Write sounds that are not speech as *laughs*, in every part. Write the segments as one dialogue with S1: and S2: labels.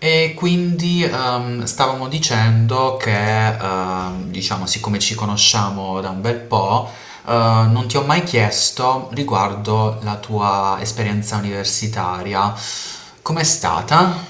S1: E quindi stavamo dicendo che, diciamo, siccome ci conosciamo da un bel po', non ti ho mai chiesto riguardo la tua esperienza universitaria. Com'è stata?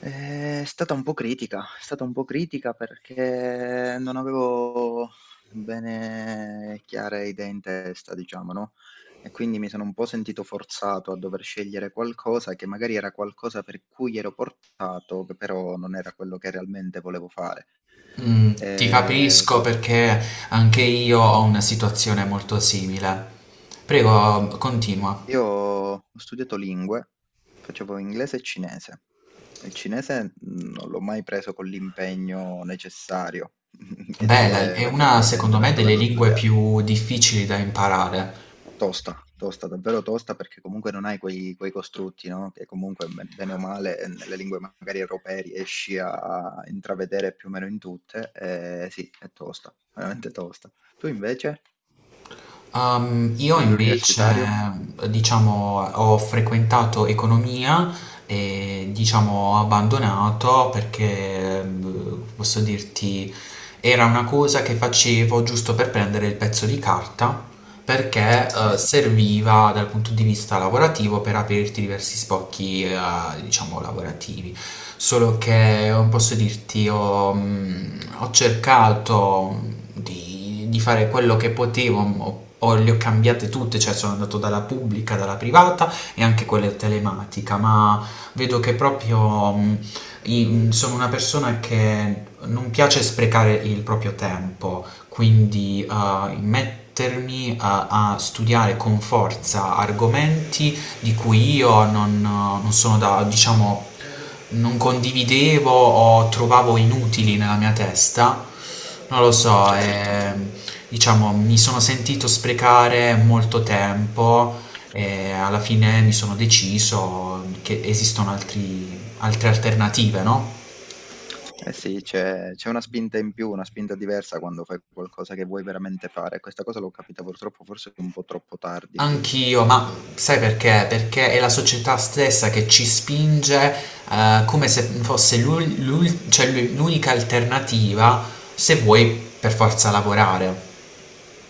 S2: È stata un po' critica, è stata un po' critica perché non avevo bene chiare idee in testa, diciamo, no, e quindi mi sono un po' sentito forzato a dover scegliere qualcosa che magari era qualcosa per cui ero portato, che però non era quello che realmente volevo fare.
S1: Mm, ti
S2: Ehm
S1: capisco perché anche io ho una situazione molto simile. Prego, continua.
S2: Io ho studiato lingue, facevo inglese e cinese. Il cinese non l'ho mai preso con l'impegno necessario *laughs* che ci
S1: Bella, è
S2: voleva
S1: una,
S2: effettivamente
S1: secondo
S2: per
S1: me, delle
S2: doverlo
S1: lingue
S2: studiare.
S1: più difficili da imparare.
S2: Tosta, tosta, davvero tosta perché comunque non hai quei costrutti, no? Che comunque bene o male nelle lingue magari europee riesci a intravedere più o meno in tutte. Sì, è tosta, veramente tosta. Tu invece, a
S1: Io
S2: livello
S1: invece,
S2: universitario?
S1: diciamo, ho frequentato economia e, diciamo, ho abbandonato perché, posso dirti, era una cosa che facevo giusto per prendere il pezzo di carta perché
S2: Eh sì.
S1: serviva dal punto di vista lavorativo per aprirti diversi spocchi, diciamo, lavorativi. Solo che non posso dirti, ho cercato di fare quello che potevo, le ho cambiate tutte, cioè sono andato dalla pubblica, dalla privata e anche quella telematica, ma vedo che proprio sono una persona che non piace sprecare il proprio tempo quindi mettermi a studiare con forza argomenti di cui io non sono da, diciamo, non condividevo o trovavo inutili nella mia testa, non lo so,
S2: Certo.
S1: diciamo, mi sono sentito sprecare molto tempo e alla fine mi sono deciso che esistono altre alternative, no?
S2: Eh sì, c'è una spinta in più, una spinta diversa quando fai qualcosa che vuoi veramente fare. Questa cosa l'ho capita purtroppo forse un po' troppo tardi.
S1: Anch'io,
S2: Perché-
S1: ma sai perché? Perché è la società stessa che ci spinge, come se fosse l'unica alternativa se vuoi per forza lavorare.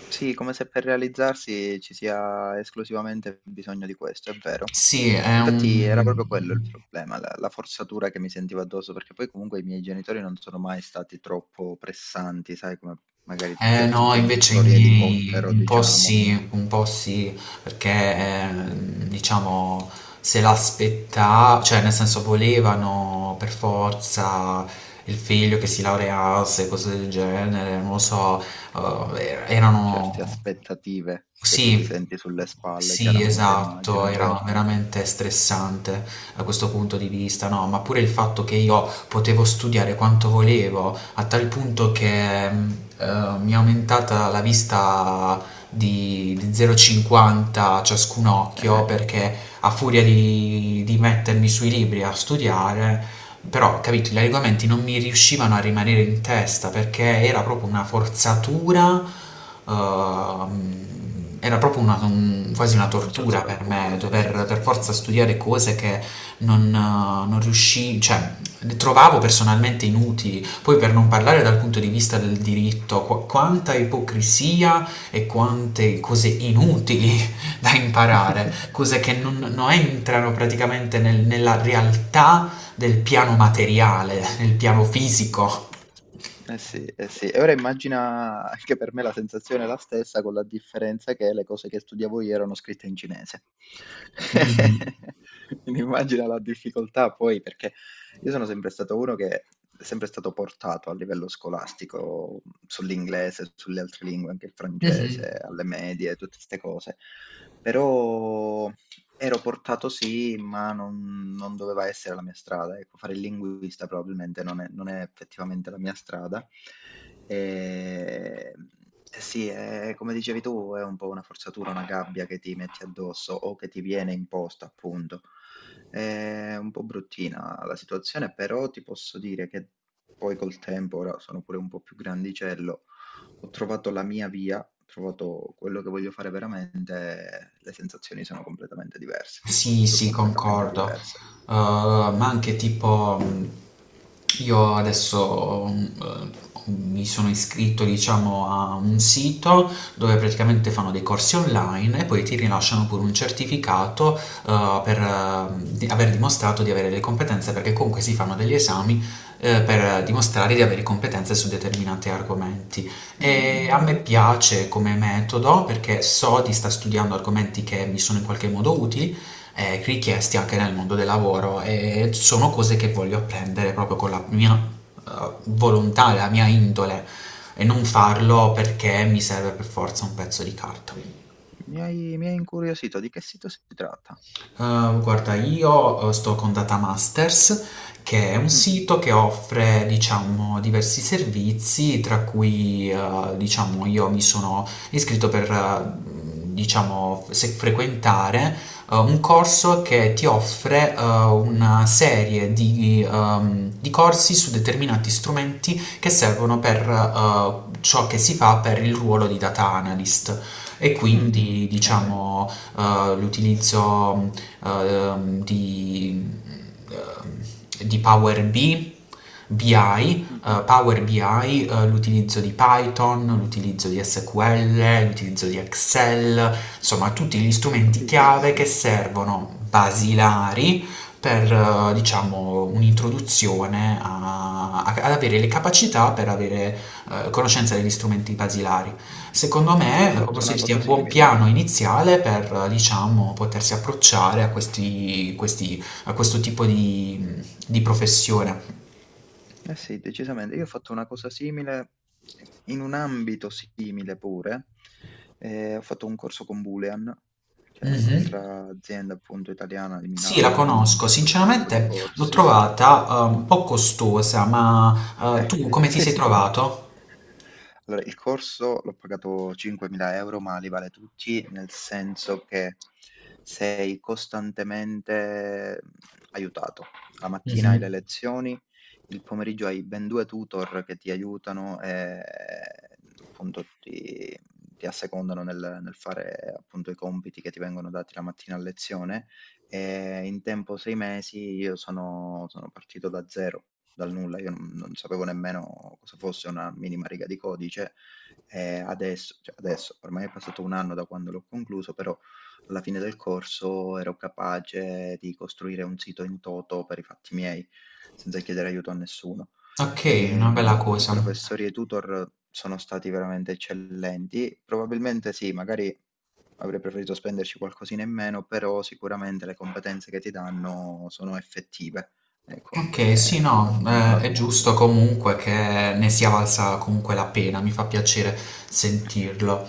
S2: Sì, come se per realizzarsi ci sia esclusivamente bisogno di questo, è vero.
S1: Sì, è
S2: Infatti era proprio quello il
S1: un.
S2: problema, la forzatura che mi sentivo addosso, perché poi comunque i miei genitori non sono mai stati troppo pressanti, sai, come magari
S1: Eh
S2: certi
S1: no, invece i
S2: genitori
S1: miei
S2: elicottero, diciamo.
S1: un po' sì, perché diciamo se l'aspettava, cioè nel senso volevano per forza il figlio che si laureasse, cose del genere, non lo so,
S2: Certe
S1: erano.
S2: aspettative che tu ti
S1: Sì,
S2: senti sulle spalle,
S1: sì,
S2: chiaramente
S1: esatto,
S2: immagino,
S1: era
S2: certo.
S1: veramente stressante da questo punto di vista, no? Ma pure il fatto che io potevo studiare quanto volevo, a tal punto che mi è aumentata la vista di 0,50 ciascun occhio
S2: Eh,
S1: perché a furia di mettermi sui libri a studiare, però capito, gli argomenti non mi riuscivano a rimanere in testa perché era proprio una forzatura, ehm, era proprio quasi una
S2: una
S1: tortura
S2: forzatura
S1: per me
S2: appunto,
S1: dover
S2: sì, sì,
S1: per
S2: sì, sì,
S1: forza
S2: sì.
S1: studiare cose che non riuscii, cioè le trovavo personalmente inutili. Poi per non parlare dal punto di vista del diritto, quanta ipocrisia e quante cose inutili da imparare, cose che
S2: *laughs*
S1: non entrano praticamente nella realtà del piano materiale, nel piano fisico.
S2: Eh sì, eh sì. E ora immagina anche per me la sensazione è la stessa, con la differenza che le cose che studiavo io erano scritte in cinese.
S1: Mhm.
S2: *laughs* Quindi immagina la difficoltà poi, perché io sono sempre stato uno che è sempre stato portato a livello scolastico sull'inglese, sulle altre lingue, anche il francese,
S1: Mhm.
S2: alle medie, tutte queste cose. Però, ero portato sì, ma non doveva essere la mia strada. Ecco, fare il linguista probabilmente non è effettivamente la mia strada. Ehm, e sì, è come dicevi tu, è un po' una forzatura, una gabbia che ti metti addosso o che ti viene imposta, appunto. È un po' bruttina la situazione, però ti posso dire che poi col tempo, ora sono pure un po' più grandicello, ho trovato la mia via, ho trovato quello che voglio fare veramente, le sensazioni sono completamente diverse,
S1: Sì,
S2: proprio
S1: sì,
S2: completamente
S1: concordo.
S2: diverse.
S1: Ma anche tipo, io adesso mi sono iscritto, diciamo, a un sito dove praticamente fanno dei corsi online e poi ti rilasciano pure un certificato, per aver dimostrato di avere le competenze, perché comunque si fanno degli esami, per dimostrare di avere competenze su determinati argomenti. E a me
S2: Mm,
S1: piace come metodo perché so di sta studiando argomenti che mi sono in qualche modo utili richiesti anche nel mondo del lavoro e sono cose che voglio apprendere proprio con la mia eh, volontà, la mia indole e non farlo perché mi serve per forza un pezzo di carta.
S2: mi hai incuriosito, di che sito si tratta?
S1: Guarda, io sto con Data Masters, che è un
S2: Mm,
S1: sito che offre, diciamo, diversi servizi, tra cui, diciamo, io mi sono iscritto per, diciamo, frequentare un corso che ti offre una serie di corsi su determinati strumenti che servono per ciò che si fa per il ruolo di data analyst. E
S2: mm,
S1: quindi,
S2: ok,
S1: diciamo, l'utilizzo eh, ehm, di, di Power BI, BI,
S2: mm,
S1: Power BI, l'utilizzo di Python, l'utilizzo di SQL, l'utilizzo di Excel, insomma tutti gli strumenti
S2: capisco.
S1: chiave che servono basilari per, diciamo, un'introduzione ad avere le capacità per avere conoscenza degli strumenti basilari. Secondo
S2: Io
S1: me,
S2: ho
S1: come
S2: fatto
S1: posso
S2: una
S1: dirti, è
S2: cosa
S1: un buon
S2: simile.
S1: piano iniziale per, diciamo, potersi approcciare a a questo tipo di professione.
S2: Eh sì, decisamente. Io ho fatto una cosa simile, in un ambito simile pure, ho fatto un corso con Boolean, che è
S1: Mhm.
S2: un'altra azienda appunto italiana di
S1: Sì, la
S2: Milano che
S1: conosco.
S2: fa questo tipo di
S1: Sinceramente l'ho
S2: corsi,
S1: trovata un po' costosa, ma
S2: eh,
S1: tu come ti
S2: *laughs*
S1: sei
S2: sì.
S1: trovato?
S2: Allora, il corso l'ho pagato 5.000 € ma li vale tutti, nel senso che sei costantemente aiutato. La mattina hai
S1: Mhm.
S2: le lezioni, il pomeriggio hai ben 2 tutor che ti aiutano e, appunto ti assecondano nel fare, appunto, i compiti che ti vengono dati la mattina a lezione e in tempo 6 mesi io sono partito da 0 dal nulla, io non sapevo nemmeno cosa fosse una minima riga di codice, e adesso cioè adesso, ormai è passato 1 anno da quando l'ho concluso, però alla fine del corso ero capace di costruire un sito in toto per i fatti miei, senza chiedere aiuto a nessuno.
S1: Ok, una bella
S2: I
S1: cosa.
S2: professori e i tutor sono stati veramente eccellenti. Probabilmente sì, magari avrei preferito spenderci qualcosina in meno, però sicuramente le competenze che ti danno sono effettive. Ecco,
S1: Ok, sì,
S2: ho
S1: no,
S2: imparato
S1: è giusto
S2: molto.
S1: comunque che ne sia valsa comunque la pena, mi fa piacere sentirlo.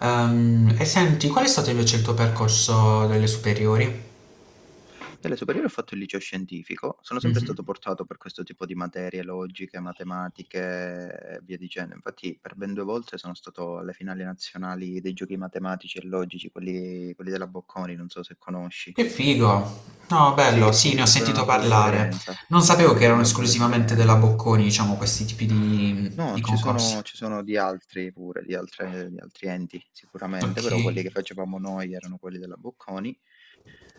S1: E senti, qual
S2: No.
S1: è stato invece il tuo percorso delle superiori?
S2: Alle superiori ho fatto il liceo scientifico, sono sempre stato
S1: Mhm.
S2: portato per questo tipo di materie logiche, matematiche e via dicendo. Infatti per ben 2 volte sono stato alle finali nazionali dei giochi matematici e logici, quelli della Bocconi, non so se conosci.
S1: Che figo! No,
S2: Sì,
S1: bello, sì,
S2: sì,
S1: ne ho
S2: davvero una
S1: sentito
S2: bella
S1: parlare.
S2: esperienza,
S1: Non sapevo che
S2: davvero
S1: erano
S2: una bella
S1: esclusivamente della
S2: esperienza.
S1: Bocconi, diciamo, questi tipi di,
S2: No,
S1: di
S2: ci
S1: concorsi.
S2: sono ci sono di altri pure, di altri enti sicuramente,
S1: Ok.
S2: però quelli che facevamo noi erano quelli della Bocconi.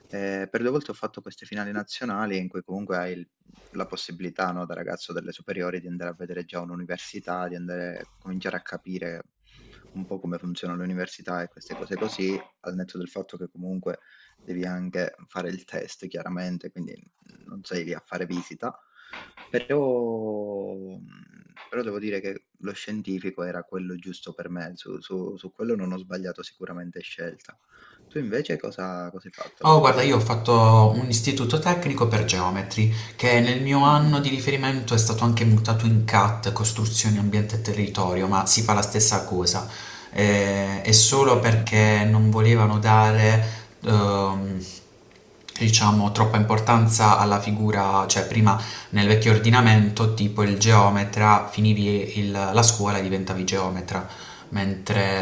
S2: Per 2 volte ho fatto queste finali nazionali in cui comunque hai il la possibilità, no, da ragazzo delle superiori di andare a vedere già un'università, di andare cominciare a capire un po' come funziona l'università e queste cose così, al netto del fatto che comunque devi anche fare il test chiaramente, quindi non sei lì a fare visita. Però mhmm, però devo dire che lo scientifico era quello giusto per me, su quello non ho sbagliato sicuramente scelta. Tu invece cosa hai fatto alle
S1: Oh, guarda, io ho
S2: superiori?
S1: fatto un istituto tecnico per geometri, che nel mio
S2: Mh,
S1: anno di riferimento è stato anche mutato in CAT, costruzioni, ambiente e territorio, ma si fa la stessa cosa. È solo
S2: capito.
S1: perché non volevano dare, ehm, diciamo, troppa importanza alla figura, cioè prima nel vecchio ordinamento, tipo il geometra, finivi la scuola e diventavi geometra.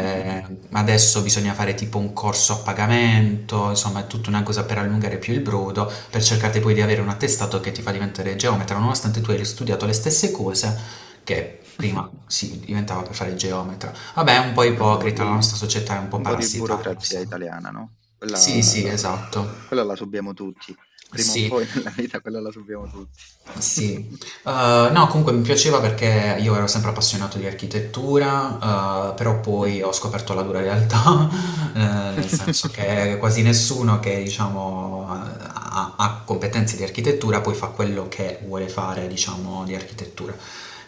S2: Mh-mh.
S1: adesso bisogna fare tipo un corso a pagamento, insomma è tutta una cosa per allungare più il brodo, per cercare poi di avere un attestato che ti fa diventare geometra, nonostante tu hai studiato le stesse cose che prima
S2: *laughs*
S1: si diventava per fare il geometra. Vabbè, è un po'
S2: Vabbè un po'
S1: ipocrita, la
S2: di
S1: nostra società è un po'
S2: un po' di
S1: parassitaria, lo so.
S2: burocrazia italiana, no,
S1: Sì, sì,
S2: quella
S1: esatto.
S2: quella la subiamo tutti. Prima o
S1: Sì,
S2: poi *laughs* nella vita quella la subiamo tutti.
S1: sì,
S2: *laughs*
S1: eh no, comunque mi piaceva perché io ero sempre appassionato di architettura, però
S2: Mh.
S1: poi ho scoperto la dura realtà, *laughs* nel senso
S2: *laughs*
S1: che quasi nessuno che diciamo, ha competenze di architettura poi fa quello che vuole fare, diciamo, di architettura.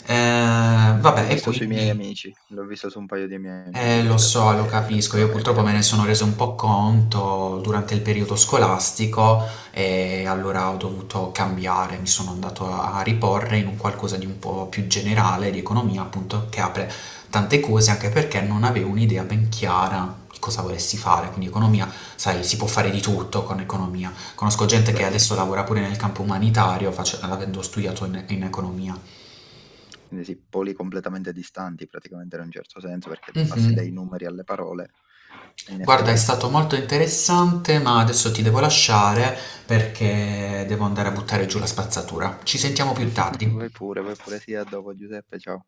S1: Vabbè,
S2: L'ho
S1: e
S2: vista sui miei
S1: quindi.
S2: amici, l'ho vista su un paio di miei amici
S1: Lo
S2: questa
S1: so,
S2: cosa, sì,
S1: lo capisco, io purtroppo
S2: effettivamente.
S1: me ne sono reso un po' conto durante il periodo scolastico e allora ho dovuto cambiare, mi sono andato a riporre in un qualcosa di un po' più generale, di economia appunto, che apre tante cose anche perché non avevo un'idea ben chiara di cosa volessi fare, quindi economia, sai, si può fare di tutto con economia. Conosco gente che
S2: Beh, sì.
S1: adesso lavora pure nel campo umanitario, avendo studiato in economia.
S2: Quindi sì, poli completamente distanti praticamente in un certo senso, perché passi dai
S1: Mhm.
S2: numeri alle parole, e in
S1: Guarda, è
S2: effetti sì.
S1: stato molto interessante, ma adesso ti devo lasciare perché devo andare a buttare giù la spazzatura. Ci sentiamo più
S2: *laughs*
S1: tardi.
S2: Vai pure, sì, a dopo Giuseppe, ciao.